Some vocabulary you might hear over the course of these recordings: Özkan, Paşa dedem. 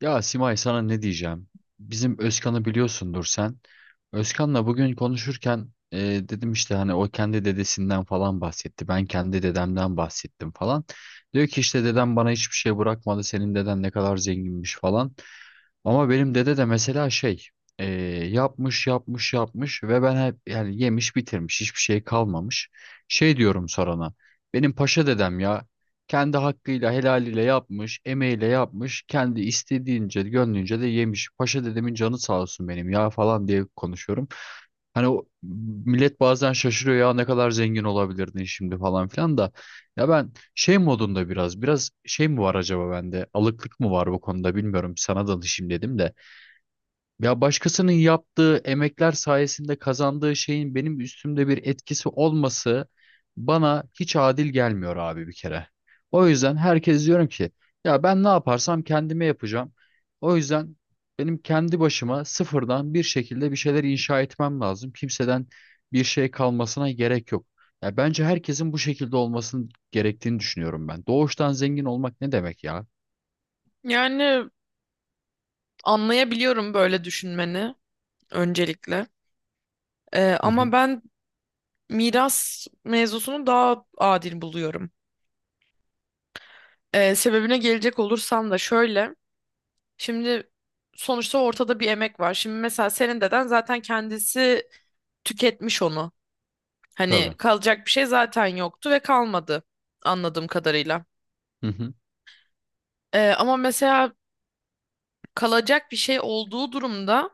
Ya Simay, sana ne diyeceğim? Bizim Özkan'ı biliyorsundur sen. Özkan'la bugün konuşurken dedim işte hani o kendi dedesinden falan bahsetti. Ben kendi dedemden bahsettim falan. Diyor ki işte dedem bana hiçbir şey bırakmadı. Senin deden ne kadar zenginmiş falan. Ama benim dede de mesela şey e, yapmış ve ben hep yani yemiş bitirmiş hiçbir şey kalmamış. Şey diyorum sorana, benim paşa dedem ya, kendi hakkıyla helaliyle yapmış, emeğiyle yapmış, kendi istediğince gönlünce de yemiş. Paşa dedemin canı sağ olsun benim ya falan diye konuşuyorum. Hani o, millet bazen şaşırıyor ya ne kadar zengin olabilirdin şimdi falan filan da, ya ben şey modunda biraz şey mi var acaba bende? Alıklık mı var bu konuda bilmiyorum. Sana danışayım dedim de. Ya başkasının yaptığı emekler sayesinde kazandığı şeyin benim üstümde bir etkisi olması bana hiç adil gelmiyor abi bir kere. O yüzden herkes diyorum ki, ya ben ne yaparsam kendime yapacağım. O yüzden benim kendi başıma sıfırdan bir şekilde bir şeyler inşa etmem lazım. Kimseden bir şey kalmasına gerek yok. Ya bence herkesin bu şekilde olmasını gerektiğini düşünüyorum ben. Doğuştan zengin olmak ne demek ya? Yani anlayabiliyorum böyle düşünmeni öncelikle. Hı Ama hı, ben miras mevzusunu daha adil buluyorum. Sebebine gelecek olursam da şöyle. Şimdi sonuçta ortada bir emek var. Şimdi mesela senin deden zaten kendisi tüketmiş onu. Hani tabii. kalacak bir şey zaten yoktu ve kalmadı anladığım kadarıyla. Hı hı. Ama mesela kalacak bir şey olduğu durumda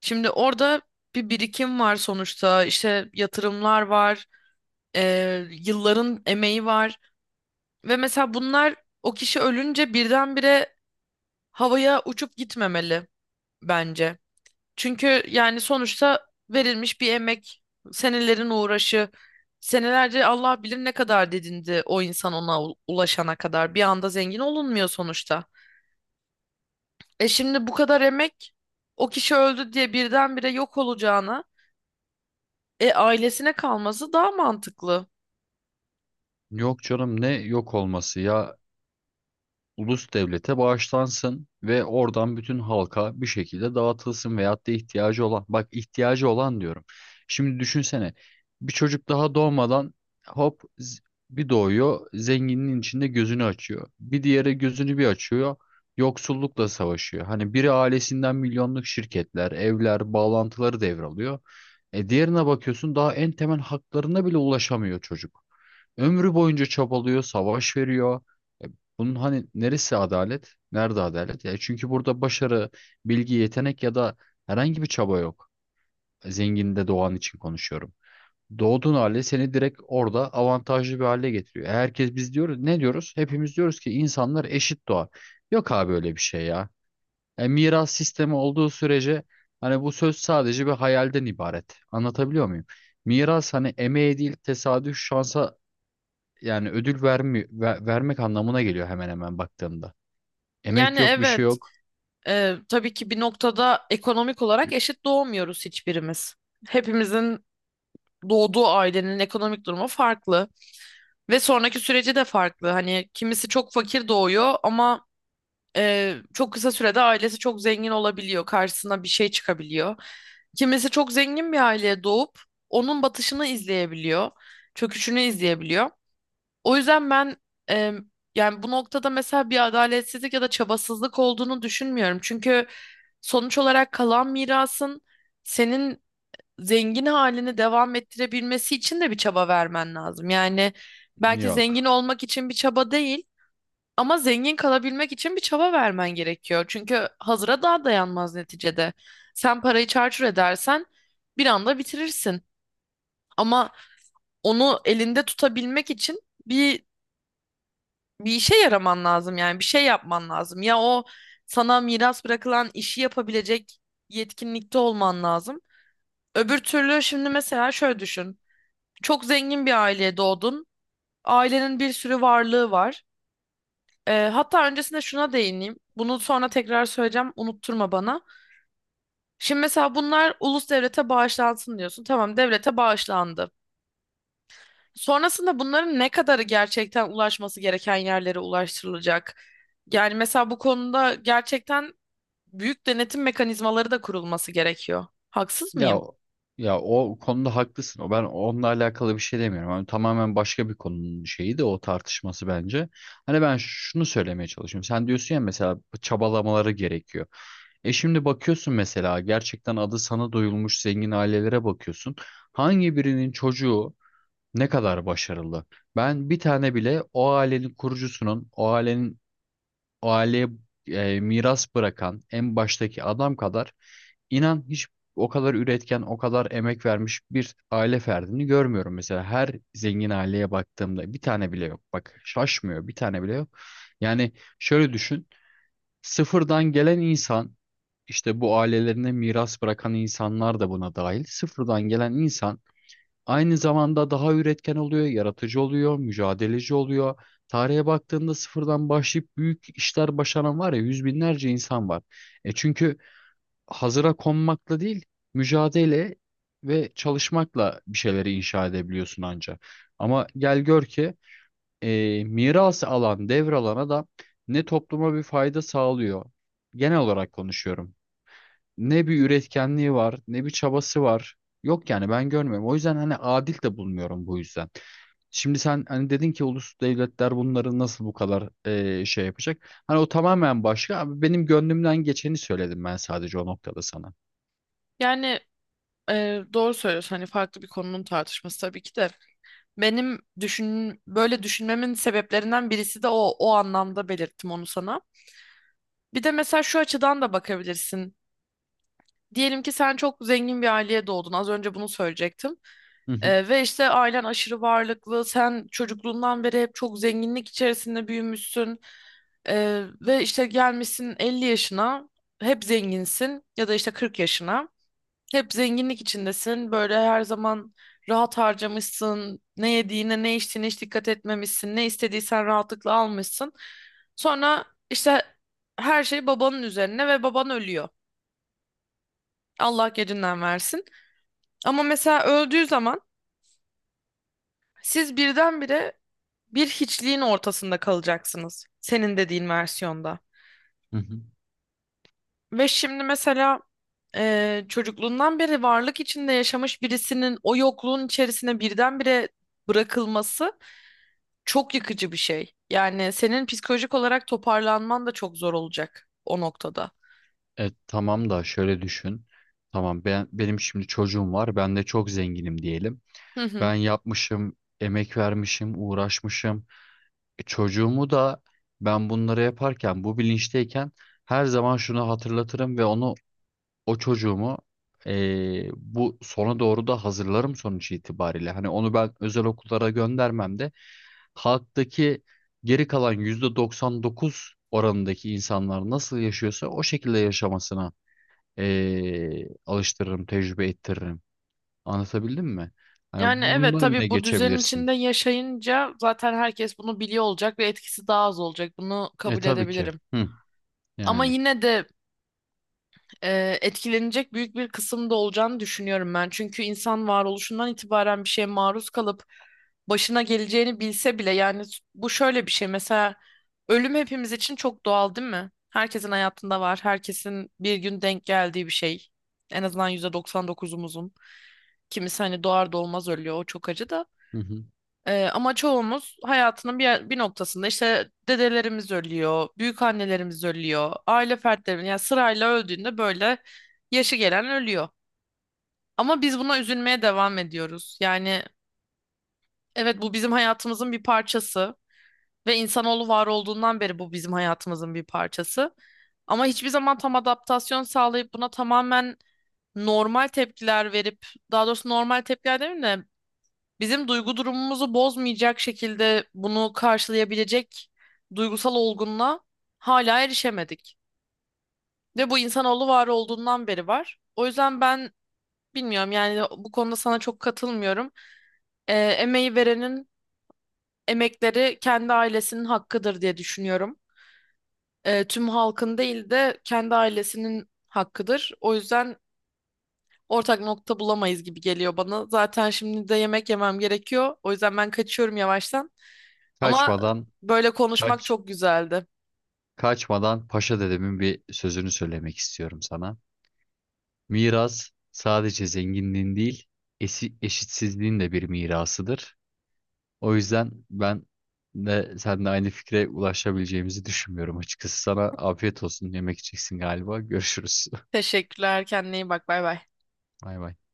şimdi orada bir birikim var sonuçta. İşte yatırımlar var, yılların emeği var ve mesela bunlar o kişi ölünce birdenbire havaya uçup gitmemeli bence. Çünkü yani sonuçta verilmiş bir emek, senelerin uğraşı, senelerce Allah bilir ne kadar dedindi o insan ona ulaşana kadar. Bir anda zengin olunmuyor sonuçta. E şimdi bu kadar emek o kişi öldü diye birdenbire yok olacağına e ailesine kalması daha mantıklı. Yok canım, ne yok olması ya, ulus devlete bağışlansın ve oradan bütün halka bir şekilde dağıtılsın veyahut da ihtiyacı olan, bak ihtiyacı olan diyorum. Şimdi düşünsene, bir çocuk daha doğmadan hop z- bir doğuyor zenginin içinde gözünü açıyor. Bir diğeri gözünü bir açıyor, yoksullukla savaşıyor. Hani biri ailesinden milyonluk şirketler, evler, bağlantıları devralıyor. E diğerine bakıyorsun daha en temel haklarına bile ulaşamıyor çocuk. Ömrü boyunca çabalıyor, savaş veriyor. E, bunun hani neresi adalet? Nerede adalet? Ya çünkü burada başarı, bilgi, yetenek ya da herhangi bir çaba yok. Zenginde doğan için konuşuyorum. Doğduğun hali seni direkt orada avantajlı bir hale getiriyor. E, herkes biz diyoruz, ne diyoruz? Hepimiz diyoruz ki insanlar eşit doğar. Yok abi öyle bir şey ya. E, miras sistemi olduğu sürece hani bu söz sadece bir hayalden ibaret. Anlatabiliyor muyum? Miras hani emeğe değil, tesadüf şansa yani ödül vermek anlamına geliyor hemen hemen baktığımda. Yani Emek yok, bir şey evet. yok. Tabii ki bir noktada ekonomik olarak eşit doğmuyoruz hiçbirimiz. Hepimizin doğduğu ailenin ekonomik durumu farklı ve sonraki süreci de farklı. Hani kimisi çok fakir doğuyor ama çok kısa sürede ailesi çok zengin olabiliyor, karşısına bir şey çıkabiliyor. Kimisi çok zengin bir aileye doğup onun batışını izleyebiliyor, çöküşünü izleyebiliyor. O yüzden ben, e, yani bu noktada mesela bir adaletsizlik ya da çabasızlık olduğunu düşünmüyorum. Çünkü sonuç olarak kalan mirasın senin zengin halini devam ettirebilmesi için de bir çaba vermen lazım. Yani belki zengin Yok. olmak için bir çaba değil ama zengin kalabilmek için bir çaba vermen gerekiyor. Çünkü hazıra daha dayanmaz neticede. Sen parayı çarçur edersen bir anda bitirirsin. Ama onu elinde tutabilmek için bir bir işe yaraman lazım, yani bir şey yapman lazım. Ya o sana miras bırakılan işi yapabilecek yetkinlikte olman lazım. Öbür türlü şimdi mesela şöyle düşün. Çok zengin bir aileye doğdun. Ailenin bir sürü varlığı var. Hatta öncesinde şuna değineyim. Bunu sonra tekrar söyleyeceğim. Unutturma bana. Şimdi mesela bunlar ulus devlete bağışlansın diyorsun. Tamam, devlete bağışlandı. Sonrasında bunların ne kadarı gerçekten ulaşması gereken yerlere ulaştırılacak? Yani mesela bu konuda gerçekten büyük denetim mekanizmaları da kurulması gerekiyor. Haksız Ya mıyım? o- ya o konuda haklısın. O, ben onunla alakalı bir şey demiyorum. Hani tamamen başka bir konunun şeyi de o tartışması bence. Hani ben şunu söylemeye çalışıyorum. Sen diyorsun ya mesela çabalamaları gerekiyor. E şimdi bakıyorsun mesela gerçekten adı sana duyulmuş zengin ailelere bakıyorsun. Hangi birinin çocuğu ne kadar başarılı? Ben bir tane bile o ailenin kurucusunun, o ailenin o aileye miras bırakan en baştaki adam kadar, inan hiç o kadar üretken, o kadar emek vermiş bir aile ferdini görmüyorum. Mesela her zengin aileye baktığımda bir tane bile yok. Bak şaşmıyor, bir tane bile yok. Yani şöyle düşün. Sıfırdan gelen insan, işte bu ailelerine miras bırakan insanlar da buna dahil. Sıfırdan gelen insan aynı zamanda daha üretken oluyor, yaratıcı oluyor, mücadeleci oluyor. Tarihe baktığında sıfırdan başlayıp büyük işler başaran var ya, yüz binlerce insan var. E çünkü hazıra konmakla değil, mücadele ve çalışmakla bir şeyleri inşa edebiliyorsun anca. Ama gel gör ki miras alan, devralan adam ne topluma bir fayda sağlıyor. Genel olarak konuşuyorum, ne bir üretkenliği var, ne bir çabası var. Yok yani, ben görmüyorum. O yüzden hani adil de bulmuyorum bu yüzden. Şimdi sen hani dedin ki ulus devletler bunları nasıl bu kadar şey yapacak? Hani o tamamen başka. Abi benim gönlümden geçeni söyledim ben sadece o noktada sana. Yani, doğru söylüyorsun. Hani farklı bir konunun tartışması tabii ki de. Benim düşün böyle düşünmemin sebeplerinden birisi de o anlamda belirttim onu sana. Bir de mesela şu açıdan da bakabilirsin. Diyelim ki sen çok zengin bir aileye doğdun. Az önce bunu söyleyecektim. Hı hı, Ve işte ailen aşırı varlıklı. Sen çocukluğundan beri hep çok zenginlik içerisinde büyümüşsün. Ve işte gelmişsin 50 yaşına, hep zenginsin ya da işte 40 yaşına. Hep zenginlik içindesin. Böyle her zaman rahat harcamışsın. Ne yediğine, ne içtiğine hiç dikkat etmemişsin. Ne istediysen rahatlıkla almışsın. Sonra işte her şey babanın üzerine ve baban ölüyor. Allah gecinden versin. Ama mesela öldüğü zaman siz birdenbire bir hiçliğin ortasında kalacaksınız. Senin dediğin versiyonda. hı hı. Ve şimdi mesela çocukluğundan beri varlık içinde yaşamış birisinin o yokluğun içerisine birdenbire bırakılması çok yıkıcı bir şey. Yani senin psikolojik olarak toparlanman da çok zor olacak o noktada. E, tamam da şöyle düşün. Tamam, ben, benim şimdi çocuğum var. Ben de çok zenginim diyelim. Hı hı. Ben yapmışım, emek vermişim, uğraşmışım. E, çocuğumu da ben bunları yaparken bu bilinçteyken her zaman şunu hatırlatırım ve onu, o çocuğumu, bu sona doğru da hazırlarım sonuç itibariyle. Hani onu ben özel okullara göndermem de halktaki geri kalan %99 oranındaki insanlar nasıl yaşıyorsa o şekilde yaşamasına alıştırırım, tecrübe ettiririm. Anlatabildim mi? Hani Yani bunun da evet, önüne tabii bu düzenin geçebilirsin. içinde yaşayınca zaten herkes bunu biliyor olacak ve etkisi daha az olacak. Bunu E kabul tabii ki. edebilirim. Hı, Ama yani. yine de, etkilenecek büyük bir kısım da olacağını düşünüyorum ben. Çünkü insan varoluşundan itibaren bir şeye maruz kalıp başına geleceğini bilse bile, yani bu şöyle bir şey mesela, ölüm hepimiz için çok doğal değil mi? Herkesin hayatında var. Herkesin bir gün denk geldiği bir şey. En azından %99'umuzun. Kimisi hani doğar doğmaz ölüyor. O çok acı da. Hı hı. Ama çoğumuz hayatının bir noktasında işte dedelerimiz ölüyor, büyük annelerimiz ölüyor, aile fertlerimiz yani sırayla öldüğünde böyle yaşı gelen ölüyor. Ama biz buna üzülmeye devam ediyoruz. Yani evet, bu bizim hayatımızın bir parçası ve insanoğlu var olduğundan beri bu bizim hayatımızın bir parçası. Ama hiçbir zaman tam adaptasyon sağlayıp buna tamamen normal tepkiler verip, daha doğrusu normal tepkiler demeyeyim de, bizim duygu durumumuzu bozmayacak şekilde bunu karşılayabilecek duygusal olgunluğa hala erişemedik. Ve bu insanoğlu var olduğundan beri var. O yüzden ben bilmiyorum, yani bu konuda sana çok katılmıyorum. Emeği verenin emekleri kendi ailesinin hakkıdır diye düşünüyorum. Tüm halkın değil de kendi ailesinin hakkıdır. O yüzden ortak nokta bulamayız gibi geliyor bana. Zaten şimdi de yemek yemem gerekiyor. O yüzden ben kaçıyorum yavaştan. Ama Kaçmadan böyle konuşmak Kaç çok güzeldi. kaçmadan Paşa dedemin bir sözünü söylemek istiyorum sana. Miras sadece zenginliğin değil, eşitsizliğin de bir mirasıdır. O yüzden ben de seninle aynı fikre ulaşabileceğimizi düşünmüyorum açıkçası. Sana afiyet olsun. Yemek yiyeceksin galiba. Görüşürüz. Teşekkürler. Kendine iyi bak. Bay bay. Bay bay.